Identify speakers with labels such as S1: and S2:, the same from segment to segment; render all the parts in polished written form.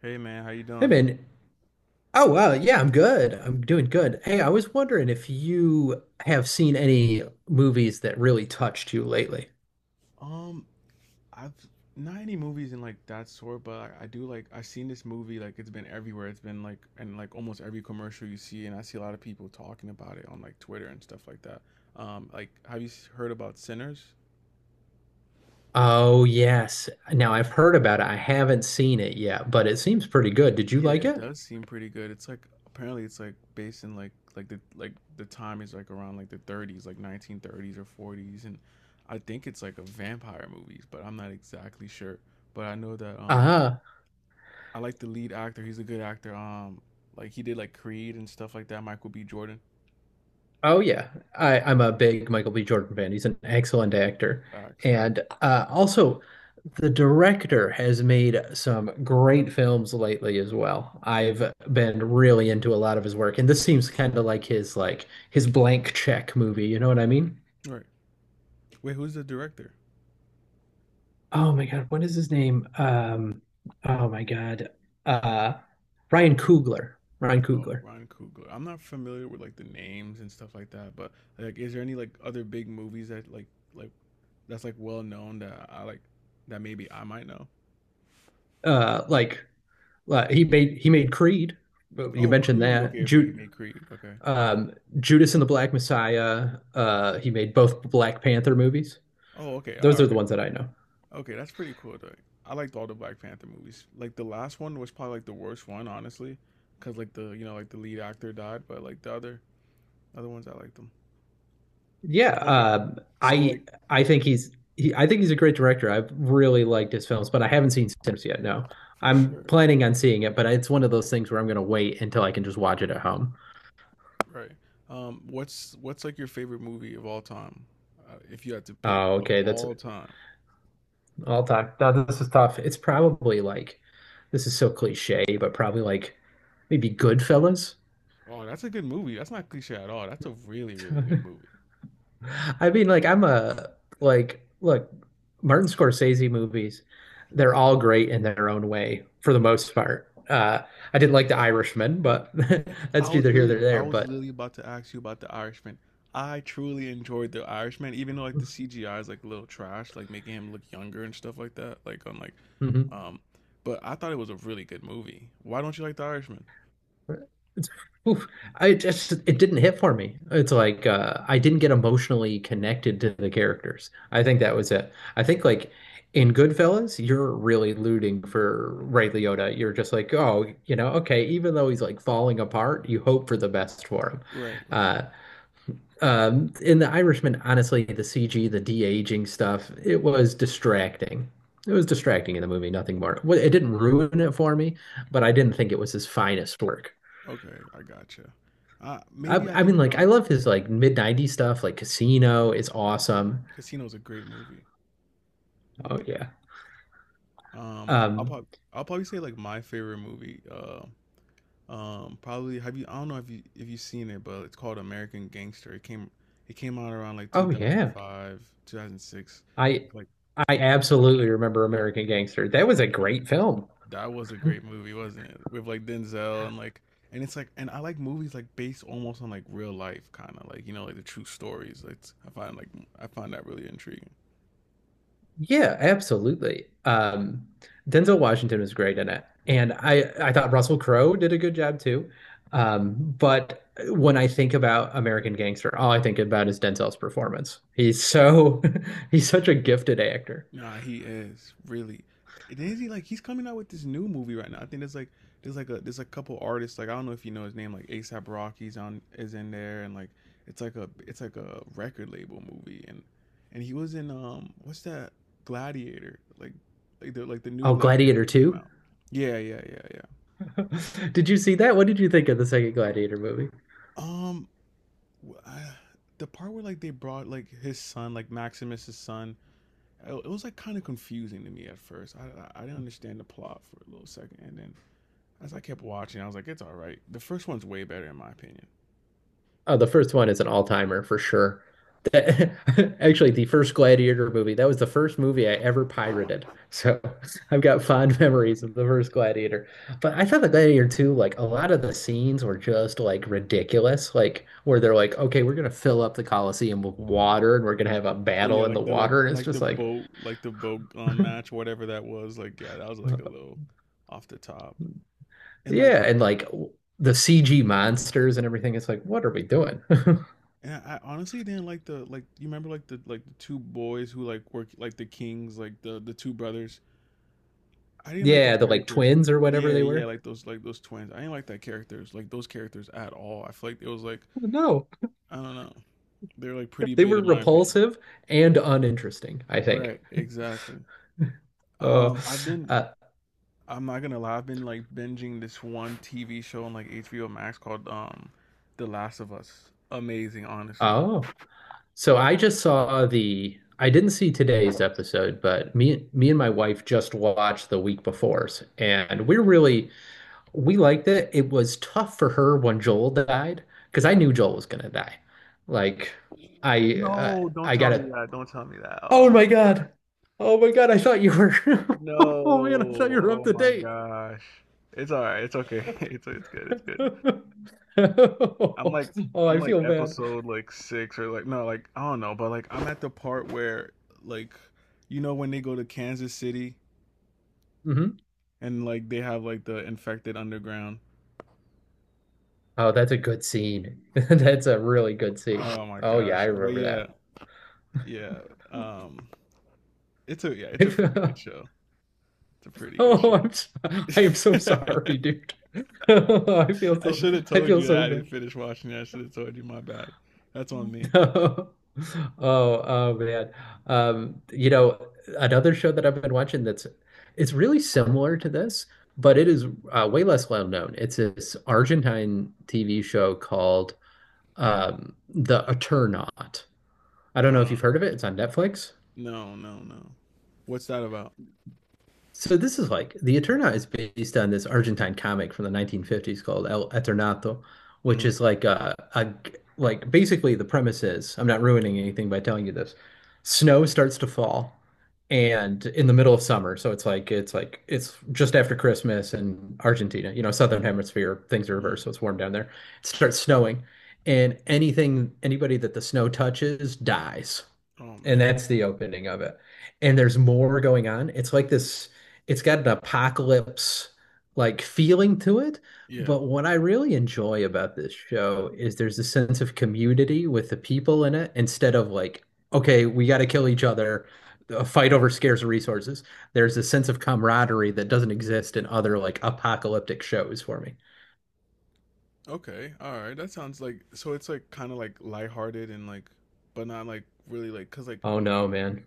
S1: Hey man, how you
S2: Hey
S1: doing?
S2: man. Oh wow, yeah, I'm good. I'm doing good. Hey, I was wondering if you have seen any movies that really touched you lately.
S1: Um, I've not any movies in like that sort, but I do like I've seen this movie like it's been everywhere. It's been like in like almost every commercial you see, and I see a lot of people talking about it on like Twitter and stuff like that. Like have you heard about Sinners?
S2: Oh yes. Now I've heard about it. I haven't seen it yet, but it seems pretty good. Did you
S1: Yeah,
S2: like
S1: it
S2: it?
S1: does seem pretty good. It's like apparently it's like based in like the time is like around like the 30s, like 1930s or 40s, and I think it's like a vampire movies, but I'm not exactly sure. But I know that
S2: Uh huh.
S1: I like the lead actor. He's a good actor. Like he did like Creed and stuff like that. Michael B. Jordan.
S2: Oh yeah, I'm a big Michael B. Jordan fan. He's an excellent actor,
S1: Facts, right?
S2: and also the director has made some great films lately as well. I've been really into a lot of his work, and this seems kind of like his blank check movie. You know what I mean?
S1: Right. Wait, who's the director?
S2: Oh my God, what is his name? Oh my God, uh, Ryan Coogler. Ryan
S1: Oh,
S2: Coogler.
S1: Ryan Coogler. I'm not familiar with like the names and stuff like that, but like, is there any like other big movies that like that's like well known that I like that maybe I might know?
S2: Uh, like he made Creed. You
S1: Oh,
S2: mentioned
S1: Creed.
S2: that.
S1: Okay, okay, he
S2: Ju
S1: made Creed. Okay.
S2: Um, Judas and the Black Messiah. He made both Black Panther movies.
S1: Oh, okay, all
S2: Those are the
S1: right.
S2: ones that I know.
S1: Okay, that's pretty cool though. I liked all the Black Panther movies. Like the last one was probably like the worst one, honestly, because like the you know like the lead actor died, but like the other ones I like them.
S2: Yeah,
S1: Okay. So like
S2: I think I think he's a great director. I've really liked his films, but I haven't seen Sims yet. No,
S1: for
S2: I'm
S1: sure.
S2: planning on seeing it, but it's one of those things where I'm going to wait until I can just watch it at home.
S1: Right. What's like your favorite movie of all time? If you had to pick
S2: Oh,
S1: of
S2: okay, that's
S1: all time.
S2: all time. No, this is tough. It's probably like this is so cliche, but probably like maybe Goodfellas.
S1: Oh, that's a good movie. That's not cliche at all. That's a really good movie.
S2: I mean, like I'm a like look, Martin Scorsese movies, they're all great in their own way for the most part. I didn't like The Irishman, but
S1: I
S2: that's
S1: was
S2: neither here
S1: literally
S2: nor
S1: I
S2: there.
S1: was
S2: But
S1: literally about to ask you about The Irishman. I truly enjoyed The Irishman even though like the CGI is like a little trash, like making him look younger and stuff like that, like on like um but I thought it was a really good movie. Why don't you like The Irishman?
S2: It's, oof, I just it didn't hit for me. It's like I didn't get emotionally connected to the characters. I think that was it. I think like in Goodfellas, you're really rooting for Ray Liotta. You're just like, oh, you know, okay, even though he's like falling apart, you hope for the best for him.
S1: Right, right.
S2: Uh, in The Irishman, honestly, the CG, the de-aging stuff, it was distracting. It was distracting in the movie, nothing more. Well, it didn't ruin it for me, but I didn't think it was his finest work.
S1: Okay, I gotcha.
S2: I
S1: Maybe I
S2: I mean
S1: think they were
S2: like I
S1: like
S2: love his like mid 90s stuff like Casino is awesome.
S1: Casino's a great movie.
S2: Oh yeah.
S1: Um, I'll
S2: Um
S1: probably I'll probably say like my favorite movie. Probably have you? I don't know if you if you've seen it, but it's called American Gangster. It came out around like
S2: oh yeah.
S1: 2005, 2006.
S2: I
S1: Like
S2: I absolutely remember American Gangster. That was a great film.
S1: that was a great movie, wasn't it? With like Denzel and like and it's like and I like movies like based almost on like real life, kind of like you know like the true stories. It's I find like I find that really intriguing.
S2: Yeah, absolutely. Um, Denzel Washington was great in it. And I thought Russell Crowe did a good job too. Um, but when I think about American Gangster, all I think about is Denzel's performance. He's so he's such a gifted actor.
S1: Nah, he is really. And is he like he's coming out with this new movie right now? I think there's like a there's a couple artists like I don't know if you know his name like ASAP Rocky's on is in there and like it's like a record label movie and he was in what's that Gladiator like the new
S2: Oh,
S1: Gladiator
S2: Gladiator
S1: that came
S2: 2?
S1: out. Yeah, yeah, yeah, yeah.
S2: Did you see that? What did you think of the second Gladiator movie?
S1: Um, wh- I, the part where like they brought like his son like Maximus's son it it was like kind of confusing to me at first. I didn't understand the plot for a little second, and then as I kept watching, I was like, it's all right. The first one's way better in my opinion.
S2: Oh, the first one is an all-timer for sure. That, actually, the first Gladiator movie, that was the first movie I ever pirated. So I've got fond memories of the first Gladiator. But I thought the Gladiator 2, like a lot of the scenes were just like ridiculous, like where they're like, okay, we're gonna fill up the Colosseum with water and we're gonna have a
S1: Oh yeah,
S2: battle in the
S1: like
S2: water. And it's
S1: the
S2: just like,
S1: boat like the boat match whatever that was. Like yeah, that was
S2: "Uh,
S1: like a little off the top. And like
S2: yeah, and like the CG monsters and everything. It's like, what are we doing?
S1: and I, honestly didn't like the like you remember like the two boys who like were like the kings like the two brothers. I didn't like those
S2: Yeah, the like
S1: characters.
S2: twins or whatever
S1: Yeah,
S2: they
S1: yeah,
S2: were.
S1: like those twins. I didn't like that characters like those characters at all. I feel like it was like
S2: No.
S1: I don't know. They're like pretty
S2: They
S1: big
S2: were
S1: in my opinion.
S2: repulsive and uninteresting, I think.
S1: Right. Exactly.
S2: Uh,
S1: Um, I've been
S2: uh,
S1: I'm not gonna lie. I've been like binging this one TV show on like HBO Max called The Last of Us. Amazing, honestly.
S2: oh, so I just saw the. I didn't see today's episode, but me and my wife just watched the week before's, and we really we liked it. It was tough for her when Joel died because I knew Joel was gonna die. Like,
S1: No, don't
S2: I
S1: tell
S2: got
S1: me
S2: it.
S1: that. Don't tell me that.
S2: Oh
S1: Oh
S2: my
S1: my god.
S2: God! Oh my God! I thought you were.
S1: No.
S2: Oh man, I thought you were up
S1: Oh
S2: to
S1: my
S2: date.
S1: gosh. It's all right. It's okay. It's good. It's good. I'm like
S2: Oh,
S1: I'm
S2: I
S1: like
S2: feel bad.
S1: episode like 6 or like no, like I don't know, but like I'm at the part where like you know when they go to Kansas City
S2: Hmm.
S1: and like they have like the infected underground.
S2: Oh, that's a good scene. That's a really good scene.
S1: Oh my
S2: Oh yeah, I
S1: gosh. But
S2: remember
S1: yeah, yeah. Um it's a yeah, it's a pretty good
S2: that.
S1: show. It's a pretty good
S2: Oh,
S1: show.
S2: I'm so, I am so sorry, dude. I feel
S1: I
S2: so
S1: should have
S2: I
S1: told
S2: feel
S1: you that
S2: so
S1: I didn't
S2: bad.
S1: finish watching it. I should have told you my bad. That's on me.
S2: Oh, oh man. You know, another show that I've been watching that's it's really similar to this, but it is way less well known. It's this Argentine TV show called The Eternaut. I don't know if
S1: Uh,
S2: you've heard of it. It's on Netflix.
S1: no, no, no. What's that about?
S2: So this is like The Eternaut is based on this Argentine comic from the 1950s called El Eternato, which
S1: Hmm.
S2: is like a like basically the premise is I'm not ruining anything by telling you this. Snow starts to fall and in the middle of summer, so it's like it's just after Christmas in Argentina, you know, southern hemisphere, things are
S1: Hmm.
S2: reversed, so it's warm down there. It starts snowing and anything anybody that the snow touches dies.
S1: Oh
S2: And
S1: man.
S2: that's the opening of it. And there's more going on. It's like this, it's got an apocalypse like feeling to it.
S1: Yeah.
S2: But what I really enjoy about this show is there's a sense of community with the people in it instead of like, okay, we got to kill each other, a fight over scarce resources. There's a sense of camaraderie that doesn't exist in other like apocalyptic shows for me.
S1: Okay. All right. That sounds like so it's like kind of like lighthearted and like but not like really like cuz like
S2: Oh no, man.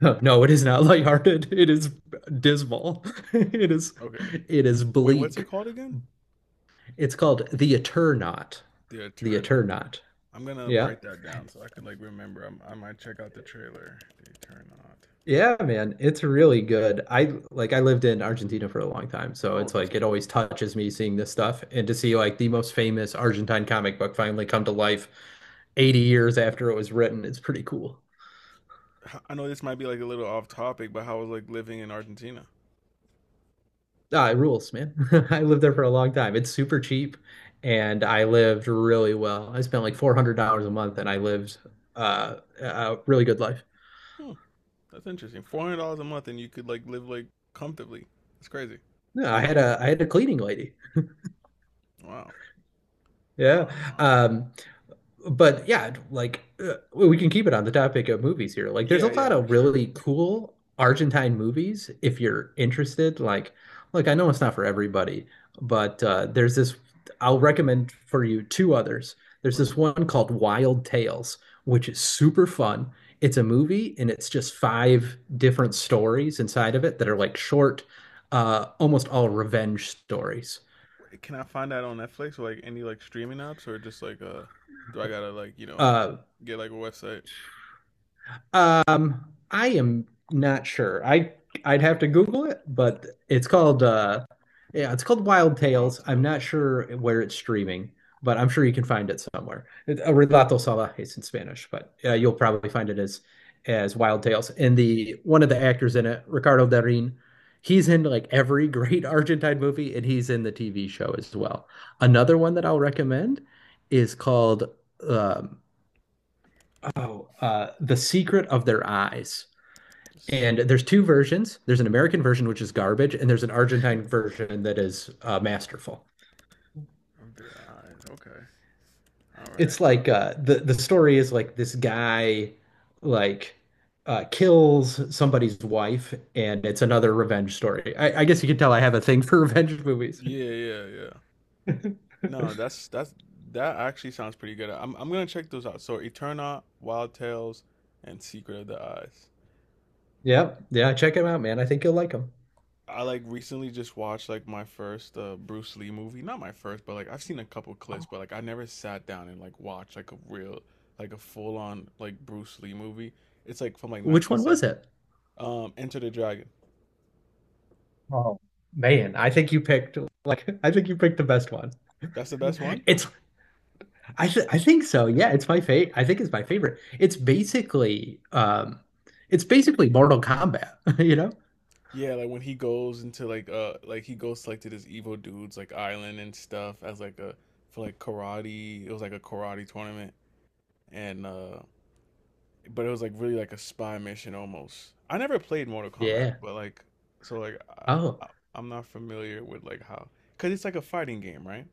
S2: No, it is not lighthearted. It is dismal. It is
S1: okay.
S2: it is
S1: Wait, what's it
S2: bleak.
S1: called again?
S2: It's called The Eternaut.
S1: The
S2: The
S1: Turn Up.
S2: Eternaut.
S1: I'm gonna
S2: Yeah.
S1: write that down so I can like remember. I might check out the trailer. The Turn Up.
S2: Yeah, man. It's really good. I lived in Argentina for a long time, so
S1: Oh,
S2: it's
S1: that's.
S2: like it
S1: Pretty.
S2: always touches me seeing this stuff and to see like the most famous Argentine comic book finally come to life 80 years after it was written. It's pretty cool.
S1: I know this might be like a little off topic, but how was like living in Argentina?
S2: Ah, it rules, man. I lived there for a long time. It's super cheap and I lived really well. I spent like $400 a month and I lived a really good life.
S1: Hmm, that's interesting. $400 a month, and you could like live like comfortably. That's crazy.
S2: Yeah, I had a cleaning lady.
S1: Wow,
S2: Yeah.
S1: wow, wow.
S2: Um, but yeah, like we can keep it on the topic of movies here. Like, there's a
S1: Yeah, yeah,
S2: lot
S1: for
S2: of
S1: sure.
S2: really cool Argentine movies if you're interested. Like I know it's not for everybody, but there's this. I'll recommend for you two others. There's
S1: Right.
S2: this one called Wild Tales, which is super fun. It's a movie, and it's just five different stories inside of it that are like short, almost all revenge stories.
S1: Wait, can I find that on Netflix or like any like streaming apps, or just like do I gotta like you know
S2: Uh,
S1: get like a website?
S2: I am not sure. I'd have to Google it, but it's called yeah, it's called Wild
S1: Wild
S2: Tales. I'm not
S1: Tales.
S2: sure where it's streaming, but I'm sure you can find it somewhere. Relato Salvajes in Spanish, but
S1: All right.
S2: you'll probably find it as Wild Tales. And the one of the actors in it, Ricardo Darín, he's in like every great Argentine movie, and he's in the TV show as well. Another one that I'll recommend is called um, oh, The Secret of Their Eyes. And
S1: Seek
S2: there's two versions. There's an American version, which is garbage, and there's an Argentine version that is masterful.
S1: of their eyes. Okay. All right.
S2: It's like the story is like this guy like kills somebody's wife, and it's another revenge story. I guess you can tell I have a thing for revenge movies.
S1: Yeah, yeah, yeah. No, that's that actually sounds pretty good. I'm gonna check those out. So Eterna, Wild Tales, and Secret of the Eyes.
S2: Yeah, yeah, check him out, man. I think you'll like him.
S1: I like recently just watched like my first Bruce Lee movie. Not my first, but like I've seen a couple clips, but like I never sat down and like watched like a real like a full on like Bruce Lee movie. It's like from like
S2: Which one was
S1: 1970.
S2: it?
S1: Enter the Dragon.
S2: Oh man, I think you picked the best one.
S1: That's the best one.
S2: It's I think so. Yeah, it's my favorite. I think it's my favorite. It's basically Mortal Kombat, you know?
S1: Yeah, like when he goes into like he goes to like to this evil dude's like island and stuff as like a for like karate. It was like a karate tournament and but it was like really like a spy mission almost. I never played Mortal Kombat,
S2: Yeah.
S1: but like so like
S2: Oh,
S1: I I'm not familiar with like how because it's like a fighting game, right?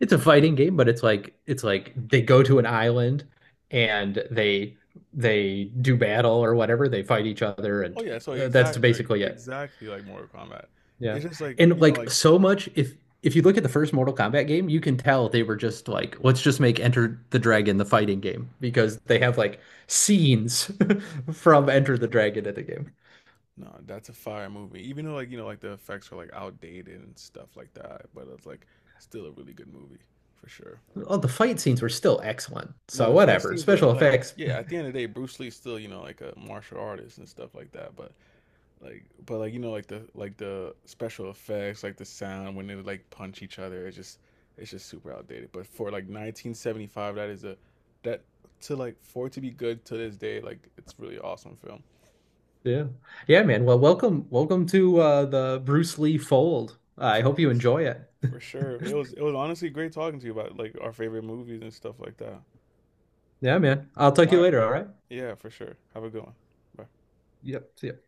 S2: it's a fighting game, but it's like they go to an island and they do battle or whatever. They fight each other
S1: Oh
S2: and
S1: yeah, so
S2: that's
S1: exactly
S2: basically it.
S1: exactly like Mortal Kombat.
S2: Yeah.
S1: It's just like
S2: And
S1: you know
S2: like
S1: like
S2: so much if you look at the first Mortal Kombat game, you can tell they were just like, let's just make Enter the Dragon the fighting game because they have like scenes from Enter the Dragon in the game.
S1: no, that's a fire movie. Even though like you know like the effects are like outdated and stuff like that, but it's like still a really good movie for sure.
S2: All the fight scenes were still excellent.
S1: No,
S2: So
S1: the fight
S2: whatever.
S1: scenes were
S2: Special
S1: like
S2: effects.
S1: yeah. At the end of the day, Bruce Lee's still you know like a martial artist and stuff like that. But like you know like the special effects, like the sound when they like punch each other, it's just super outdated. But for like 1975, that is a that to like for it to be good to this day, like it's really awesome film.
S2: Yeah. Yeah, man. Well, welcome to the Bruce Lee fold. I hope you enjoy it.
S1: For sure. It was honestly great talking to you about like our favorite movies and stuff like that.
S2: Yeah, man. I'll talk
S1: All
S2: to you
S1: right.
S2: later, all right?
S1: Yeah, for sure. Have a good one. Bye.
S2: Yep. See ya.